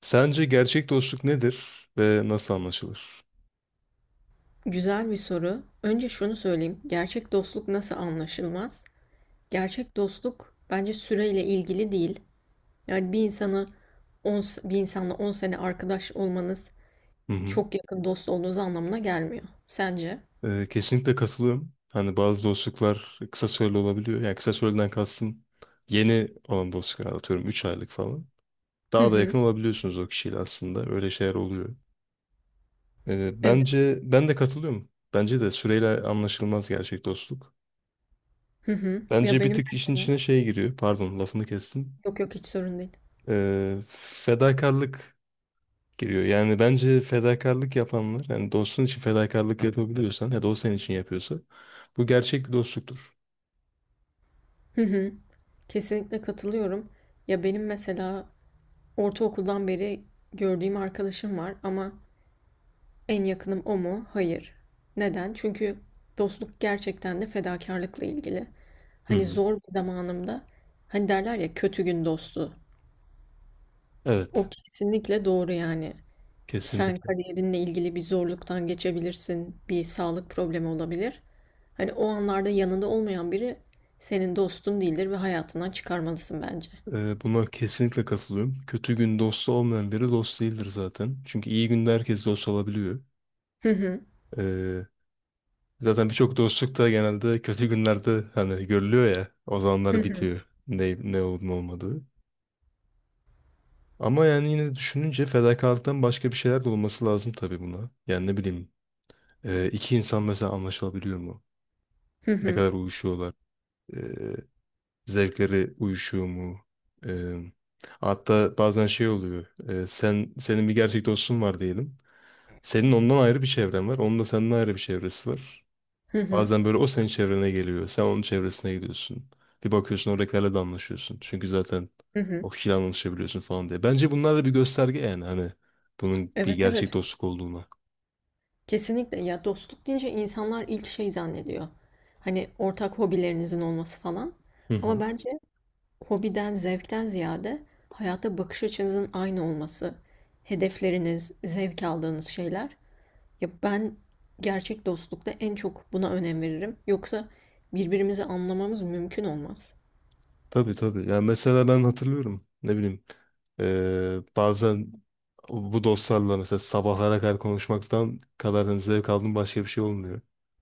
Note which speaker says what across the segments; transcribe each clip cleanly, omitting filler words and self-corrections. Speaker 1: Sence gerçek dostluk nedir ve nasıl anlaşılır?
Speaker 2: Güzel bir soru. Önce şunu söyleyeyim. Gerçek dostluk nasıl anlaşılmaz? Gerçek dostluk bence süreyle ilgili değil. Yani 10 bir insanla 10 sene arkadaş olmanız
Speaker 1: Hı hı.
Speaker 2: çok yakın dost olduğunuz anlamına gelmiyor. Sence?
Speaker 1: Kesinlikle katılıyorum. Hani bazı dostluklar kısa süreli olabiliyor. Yani kısa süreliden kastım yeni olan dostluklar atıyorum 3 aylık falan.
Speaker 2: Hı
Speaker 1: Daha da
Speaker 2: hı.
Speaker 1: yakın olabiliyorsunuz o kişiyle aslında. Öyle şeyler oluyor.
Speaker 2: Evet.
Speaker 1: Bence ben de katılıyorum. Bence de süreyle anlaşılmaz gerçek dostluk.
Speaker 2: Hı hı. Ya
Speaker 1: Bence bir
Speaker 2: benim
Speaker 1: tık işin
Speaker 2: mesela
Speaker 1: içine şey giriyor. Pardon lafını kestim.
Speaker 2: Yok yok, hiç sorun değil.
Speaker 1: Ee, Fedakarlık giriyor. Yani bence fedakarlık yapanlar, yani dostun için fedakarlık yapabiliyorsan ya da o senin için yapıyorsa bu gerçek bir dostluktur.
Speaker 2: Hı hı. Kesinlikle katılıyorum. Ya benim mesela ortaokuldan beri gördüğüm arkadaşım var, ama en yakınım o mu? Hayır. Neden? Çünkü dostluk gerçekten de fedakarlıkla ilgili.
Speaker 1: Hı
Speaker 2: Hani
Speaker 1: hı.
Speaker 2: zor bir zamanımda, hani derler ya, kötü gün dostu. O
Speaker 1: Evet,
Speaker 2: kesinlikle doğru yani. Sen
Speaker 1: kesinlikle.
Speaker 2: kariyerinle ilgili bir zorluktan geçebilirsin. Bir sağlık problemi olabilir. Hani o anlarda yanında olmayan biri senin dostun değildir ve hayatından çıkarmalısın bence.
Speaker 1: Buna kesinlikle katılıyorum. Kötü gün dostu olmayan biri dost değildir zaten. Çünkü iyi günde herkes dost olabiliyor.
Speaker 2: Hı hı.
Speaker 1: Ee, Zaten birçok dostluk da genelde kötü günlerde hani görülüyor ya. O
Speaker 2: Hı
Speaker 1: zamanlar
Speaker 2: hı.
Speaker 1: bitiyor. Ne olup ne olmadığı. Ama yani yine düşününce fedakarlıktan başka bir şeyler de olması lazım tabii buna. Yani ne bileyim. İki insan mesela anlaşılabiliyor mu?
Speaker 2: Hı
Speaker 1: Ne
Speaker 2: hı.
Speaker 1: kadar uyuşuyorlar? Ee, Zevkleri uyuşuyor mu? Ee, Hatta bazen şey oluyor. Senin bir gerçek dostun var diyelim. Senin ondan ayrı bir çevren var. Onun da senden ayrı bir çevresi var.
Speaker 2: Hı hı.
Speaker 1: Bazen böyle o senin çevrene geliyor. Sen onun çevresine gidiyorsun. Bir bakıyorsun oradakilerle de anlaşıyorsun. Çünkü zaten
Speaker 2: Hı hı.
Speaker 1: o kişiyle anlaşabiliyorsun falan diye. Bence bunlar da bir gösterge yani hani bunun bir
Speaker 2: Evet,
Speaker 1: gerçek
Speaker 2: evet.
Speaker 1: dostluk olduğuna.
Speaker 2: Kesinlikle, ya dostluk deyince insanlar ilk şey zannediyor. Hani ortak hobilerinizin olması falan.
Speaker 1: Hı
Speaker 2: Ama
Speaker 1: hı.
Speaker 2: bence hobiden, zevkten ziyade hayata bakış açınızın aynı olması, hedefleriniz, zevk aldığınız şeyler. Ya ben gerçek dostlukta en çok buna önem veririm. Yoksa birbirimizi anlamamız mümkün olmaz.
Speaker 1: Tabii tabii. Yani mesela ben hatırlıyorum. Ne bileyim. Bazen bu dostlarla mesela sabahlara kadar konuşmaktan kadar hani zevk aldığım başka bir şey olmuyor.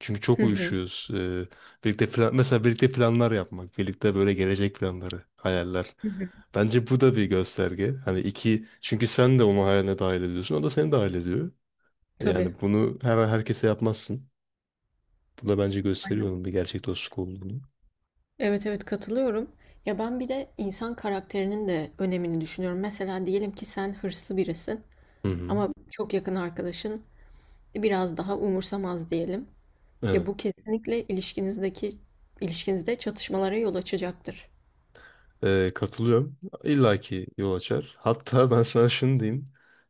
Speaker 1: Çünkü çok
Speaker 2: Hı hı.
Speaker 1: uyuşuyoruz. Mesela birlikte planlar yapmak. Birlikte böyle gelecek planları, hayaller.
Speaker 2: Hı hı.
Speaker 1: Bence bu da bir gösterge. Hani iki, çünkü sen de onu hayaline dahil ediyorsun. O da seni dahil ediyor.
Speaker 2: Tabii.
Speaker 1: Yani bunu hemen herkese yapmazsın. Bu da bence gösteriyor onun bir gerçek dostluk olduğunu.
Speaker 2: Evet, evet, katılıyorum. Ya ben bir de insan karakterinin de önemini düşünüyorum. Mesela diyelim ki sen hırslı birisin.
Speaker 1: Hı hı.
Speaker 2: Ama çok yakın arkadaşın "E, biraz daha umursamaz" diyelim. Ya bu
Speaker 1: Evet.
Speaker 2: kesinlikle ilişkinizde çatışmalara yol açacaktır.
Speaker 1: Katılıyorum. İlla ki yol açar. Hatta ben sana şunu diyeyim.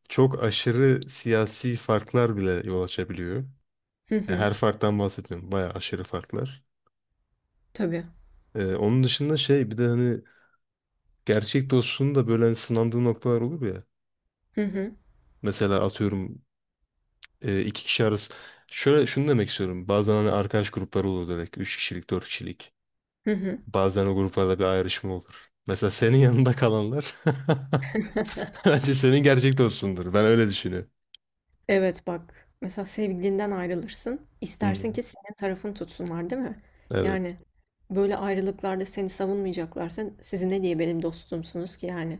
Speaker 1: Çok aşırı siyasi farklar bile yol açabiliyor.
Speaker 2: Hı hı.
Speaker 1: Her farktan bahsetmiyorum. Bayağı aşırı farklar.
Speaker 2: Tabii.
Speaker 1: Onun dışında şey bir de hani gerçek dostluğun da böyle hani sınandığı noktalar olur ya.
Speaker 2: Hı hı.
Speaker 1: Mesela atıyorum iki kişi arası. Şöyle şunu demek istiyorum. Bazen hani arkadaş grupları olur direkt. Üç kişilik, dört kişilik.
Speaker 2: Hı hı.
Speaker 1: Bazen o gruplarda bir ayrışma olur. Mesela senin yanında kalanlar bence senin gerçek dostundur. Ben öyle düşünüyorum.
Speaker 2: Evet, bak. Mesela sevgilinden ayrılırsın.
Speaker 1: Hı.
Speaker 2: İstersin ki senin tarafını tutsunlar, değil mi?
Speaker 1: Evet.
Speaker 2: Yani böyle ayrılıklarda seni savunmayacaklarsa siz ne diye benim dostumsunuz ki yani?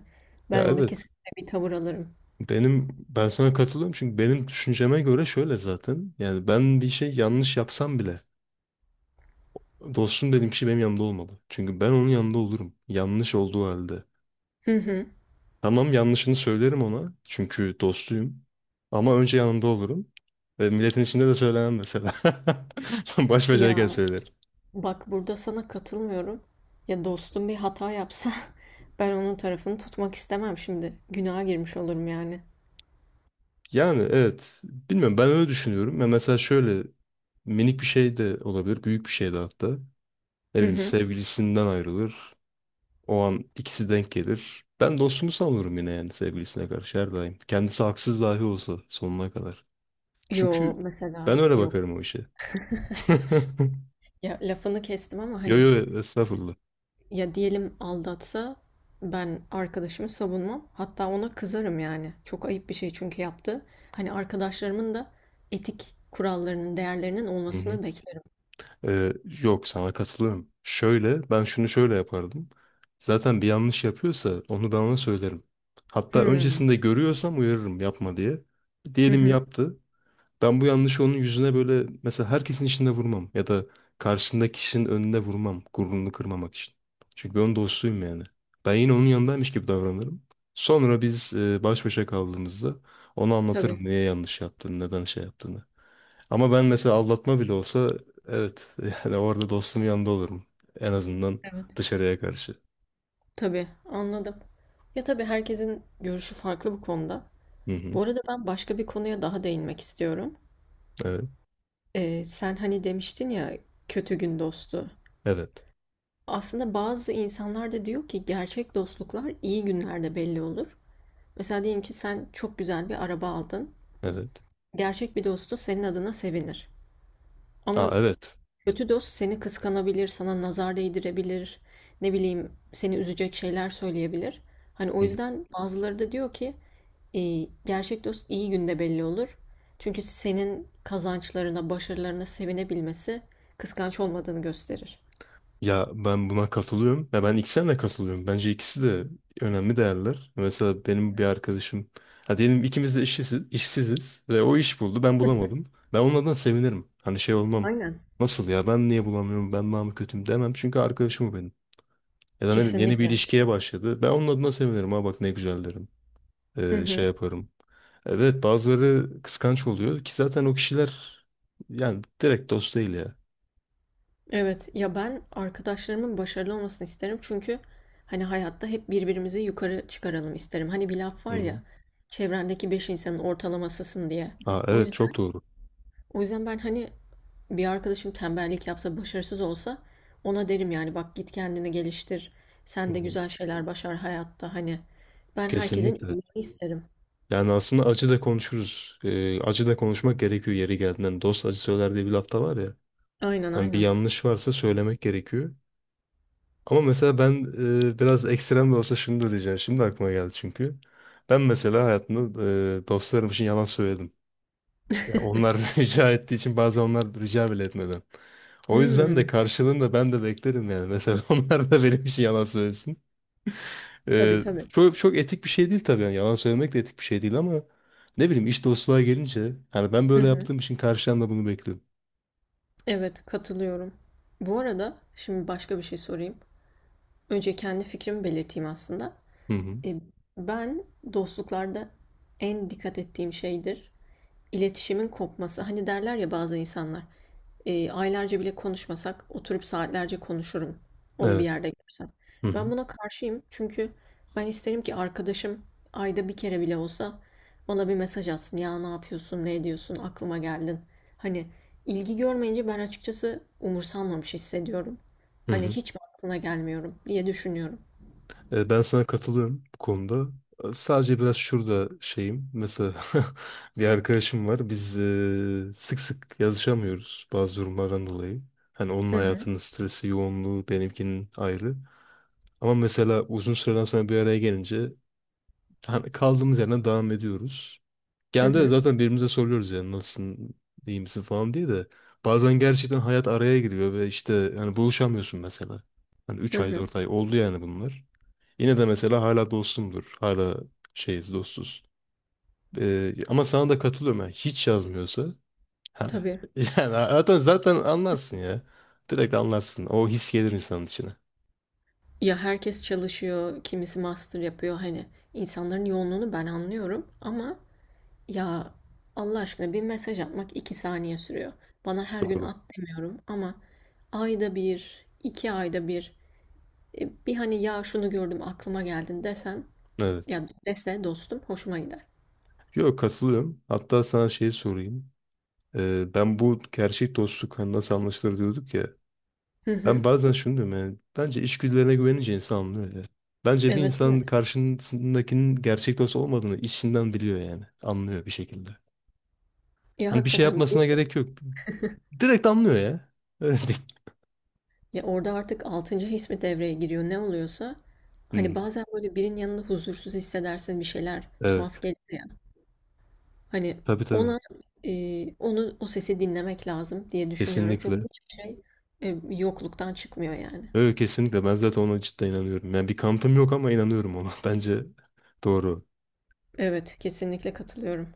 Speaker 1: Ya,
Speaker 2: Ben orada
Speaker 1: evet.
Speaker 2: kesinlikle bir tavır alırım.
Speaker 1: Ben sana katılıyorum çünkü benim düşünceme göre şöyle zaten. Yani ben bir şey yanlış yapsam bile dostum dediğim kişi benim yanımda olmalı. Çünkü ben onun yanında olurum. Yanlış olduğu halde.
Speaker 2: Hı hı.
Speaker 1: Tamam yanlışını söylerim ona. Çünkü dostuyum. Ama önce yanında olurum. Ve milletin içinde de söylemem mesela. Baş başayken
Speaker 2: Ya,
Speaker 1: söylerim.
Speaker 2: bak burada sana katılmıyorum. Ya dostum bir hata yapsa, ben onun tarafını tutmak istemem şimdi. Günaha girmiş olurum yani.
Speaker 1: Yani, evet. Bilmiyorum, ben öyle düşünüyorum. Ya mesela şöyle minik bir şey de olabilir. Büyük bir şey de hatta. Ne
Speaker 2: Hı
Speaker 1: bileyim,
Speaker 2: hı.
Speaker 1: sevgilisinden ayrılır. O an ikisi denk gelir. Ben dostumu savunurum yine yani sevgilisine karşı her daim. Kendisi haksız dahi olsa sonuna kadar.
Speaker 2: Yo,
Speaker 1: Çünkü
Speaker 2: mesela
Speaker 1: ben öyle
Speaker 2: yok.
Speaker 1: bakarım o işe.
Speaker 2: Ya, lafını kestim ama
Speaker 1: Yo,
Speaker 2: hani,
Speaker 1: yo, estağfurullah.
Speaker 2: ya diyelim aldatsa, ben arkadaşımı savunmam. Hatta ona kızarım yani. Çok ayıp bir şey çünkü yaptı. Hani arkadaşlarımın da etik kurallarının, değerlerinin
Speaker 1: Hı hı.
Speaker 2: olmasını beklerim.
Speaker 1: Ee, Yok, sana katılıyorum. Şöyle ben şunu şöyle yapardım. Zaten bir yanlış yapıyorsa onu ben ona söylerim. Hatta
Speaker 2: Hmm.
Speaker 1: öncesinde görüyorsam uyarırım yapma diye.
Speaker 2: Hı
Speaker 1: Diyelim
Speaker 2: hı.
Speaker 1: yaptı. Ben bu yanlışı onun yüzüne böyle mesela herkesin içinde vurmam ya da karşısındaki kişinin önünde vurmam gururunu kırmamak için. Çünkü ben onun dostuyum yani. Ben yine onun yanındaymış gibi davranırım. Sonra biz baş başa kaldığımızda ona
Speaker 2: Tabii.
Speaker 1: anlatırım niye yanlış yaptığını, neden şey yaptığını. Ama ben mesela aldatma bile olsa, evet, yani orada dostumun yanında olurum. En azından
Speaker 2: Evet.
Speaker 1: dışarıya karşı.
Speaker 2: Tabii, anladım. Ya tabii herkesin görüşü farklı bu konuda.
Speaker 1: Hı hı.
Speaker 2: Bu arada ben başka bir konuya daha değinmek istiyorum.
Speaker 1: Evet.
Speaker 2: Sen hani demiştin ya, kötü gün dostu.
Speaker 1: Evet.
Speaker 2: Aslında bazı insanlar da diyor ki gerçek dostluklar iyi günlerde belli olur. Mesela diyelim ki sen çok güzel bir araba aldın.
Speaker 1: Evet.
Speaker 2: Gerçek bir dostu senin adına sevinir.
Speaker 1: Aa,
Speaker 2: Ama
Speaker 1: evet.
Speaker 2: kötü dost seni kıskanabilir, sana nazar değdirebilir, ne bileyim seni üzecek şeyler söyleyebilir. Hani o yüzden bazıları da diyor ki gerçek dost iyi günde belli olur. Çünkü senin kazançlarına, başarılarına sevinebilmesi kıskanç olmadığını gösterir.
Speaker 1: Ya, ben buna katılıyorum. Ya ben ikisine de katılıyorum. Bence ikisi de önemli değerler. Mesela benim bir arkadaşım, ha diyelim ikimiz de işsiziz ve o iş buldu, ben bulamadım. Ben onun adına sevinirim. Hani şey olmam.
Speaker 2: Aynen.
Speaker 1: Nasıl ya, ben niye bulamıyorum, ben daha mı kötüyüm demem, çünkü arkadaşım o benim. Ya da ne bileyim, yeni bir
Speaker 2: Kesinlikle.
Speaker 1: ilişkiye başladı. Ben onun adına sevinirim. Ha bak, ne güzel derim.
Speaker 2: Hı
Speaker 1: Şey
Speaker 2: hı.
Speaker 1: yaparım. Evet, bazıları kıskanç oluyor ki zaten o kişiler yani direkt dost değil ya.
Speaker 2: Evet, ya ben arkadaşlarımın başarılı olmasını isterim, çünkü hani hayatta hep birbirimizi yukarı çıkaralım isterim. Hani bir laf
Speaker 1: Hı
Speaker 2: var
Speaker 1: hı.
Speaker 2: ya, çevrendeki beş insanın ortalamasısın diye.
Speaker 1: Aa,
Speaker 2: O
Speaker 1: evet, çok
Speaker 2: yüzden
Speaker 1: doğru.
Speaker 2: o yüzden ben hani, bir arkadaşım tembellik yapsa, başarısız olsa, ona derim yani, bak git kendini geliştir.
Speaker 1: Hı
Speaker 2: Sen de
Speaker 1: hı.
Speaker 2: güzel şeyler başar hayatta hani. Ben herkesin
Speaker 1: Kesinlikle.
Speaker 2: iyiliğini isterim.
Speaker 1: Yani aslında acı da konuşuruz. Acı da konuşmak gerekiyor yeri geldiğinden. Dost acı söyler diye bir lafta var ya.
Speaker 2: Aynen,
Speaker 1: Hani bir
Speaker 2: aynen.
Speaker 1: yanlış varsa söylemek gerekiyor. Ama mesela ben biraz ekstrem de olsa şunu da diyeceğim. Şimdi aklıma geldi çünkü. Ben mesela hayatımda dostlarım için yalan söyledim. Ya onlar rica ettiği için, bazen onlar rica bile etmeden. O yüzden de
Speaker 2: Hmm,
Speaker 1: karşılığında ben de beklerim yani. Mesela onlar da benim için yalan söylesin.
Speaker 2: tabii, tabii.
Speaker 1: Çok, çok etik bir şey değil tabii. Yani yalan söylemek de etik bir şey değil ama ne bileyim, iş dostluğa gelince hani ben
Speaker 2: Hı
Speaker 1: böyle
Speaker 2: hı.
Speaker 1: yaptığım için karşıdan da bunu bekliyorum.
Speaker 2: Evet, katılıyorum. Bu arada şimdi başka bir şey sorayım. Önce kendi fikrimi belirteyim aslında.
Speaker 1: Hı hı.
Speaker 2: E, Ben dostluklarda en dikkat ettiğim şeydir iletişimin kopması. Hani derler ya bazı insanlar. Aylarca bile konuşmasak oturup saatlerce konuşurum onu bir
Speaker 1: Evet.
Speaker 2: yerde görsem.
Speaker 1: Hı
Speaker 2: Ben
Speaker 1: hı.
Speaker 2: buna karşıyım, çünkü ben isterim ki arkadaşım ayda bir kere bile olsa bana bir mesaj atsın. Ya ne yapıyorsun, ne ediyorsun, aklıma geldin. Hani ilgi görmeyince ben açıkçası umursanmamış hissediyorum.
Speaker 1: Hı
Speaker 2: Hani
Speaker 1: hı.
Speaker 2: hiç mi aklına gelmiyorum diye düşünüyorum.
Speaker 1: Ben sana katılıyorum bu konuda. Sadece biraz şurada şeyim. Mesela bir arkadaşım var. Biz sık sık yazışamıyoruz bazı durumlardan dolayı. Hani onun
Speaker 2: Hı hı,
Speaker 1: hayatının stresi, yoğunluğu benimkinin ayrı. Ama mesela uzun süreden sonra bir araya gelince hani kaldığımız yerden devam ediyoruz.
Speaker 2: hı
Speaker 1: Genelde de
Speaker 2: hı,
Speaker 1: zaten birbirimize soruyoruz yani nasılsın, iyi misin falan diye de. Bazen gerçekten hayat araya giriyor ve işte hani buluşamıyorsun mesela. Hani
Speaker 2: hı
Speaker 1: üç ay
Speaker 2: hı.
Speaker 1: dört ay oldu yani bunlar. Yine de mesela hala dostumdur. Hala şeyiz, dostuz. Ama sana da katılıyorum yani hiç yazmıyorsa hani,
Speaker 2: Tabii.
Speaker 1: yani zaten anlarsın ya. Direkt anlarsın. O his gelir insanın içine.
Speaker 2: Ya herkes çalışıyor, kimisi master yapıyor. Hani insanların yoğunluğunu ben anlıyorum ama, ya, Allah aşkına bir mesaj atmak 2 saniye sürüyor. Bana her gün
Speaker 1: Doğru.
Speaker 2: at demiyorum ama ayda bir, iki ayda bir, bir hani, ya şunu gördüm aklıma geldin desen,
Speaker 1: Evet.
Speaker 2: ya dese dostum, hoşuma gider.
Speaker 1: Yok, katılıyorum. Hatta sana şeyi sorayım. Ben bu gerçek dostluk hani nasıl anlaşılır diyorduk ya.
Speaker 2: Hı
Speaker 1: Ben
Speaker 2: hı.
Speaker 1: bazen şunu diyorum yani. Bence içgüdülerine güvenince insan anlıyor ya. Bence bir
Speaker 2: Evet,
Speaker 1: insan
Speaker 2: evet.
Speaker 1: karşısındakinin gerçek dost olmadığını içinden biliyor yani. Anlıyor bir şekilde.
Speaker 2: Ya
Speaker 1: Hani bir şey
Speaker 2: hakikaten
Speaker 1: yapmasına gerek yok. Direkt anlıyor ya. Öyle değil.
Speaker 2: ya orada artık altıncı his mi devreye giriyor ne oluyorsa, hani
Speaker 1: Hmm,
Speaker 2: bazen böyle birinin yanında huzursuz hissedersin, bir şeyler
Speaker 1: evet.
Speaker 2: tuhaf gelir ya. Hani
Speaker 1: Tabii tabii.
Speaker 2: ona onu o sesi dinlemek lazım diye düşünüyorum. Çünkü
Speaker 1: Kesinlikle.
Speaker 2: hiçbir şey yokluktan çıkmıyor yani.
Speaker 1: Evet, kesinlikle. Ben zaten ona cidden inanıyorum. Yani bir kanıtım yok ama inanıyorum ona. Bence doğru.
Speaker 2: Evet, kesinlikle katılıyorum.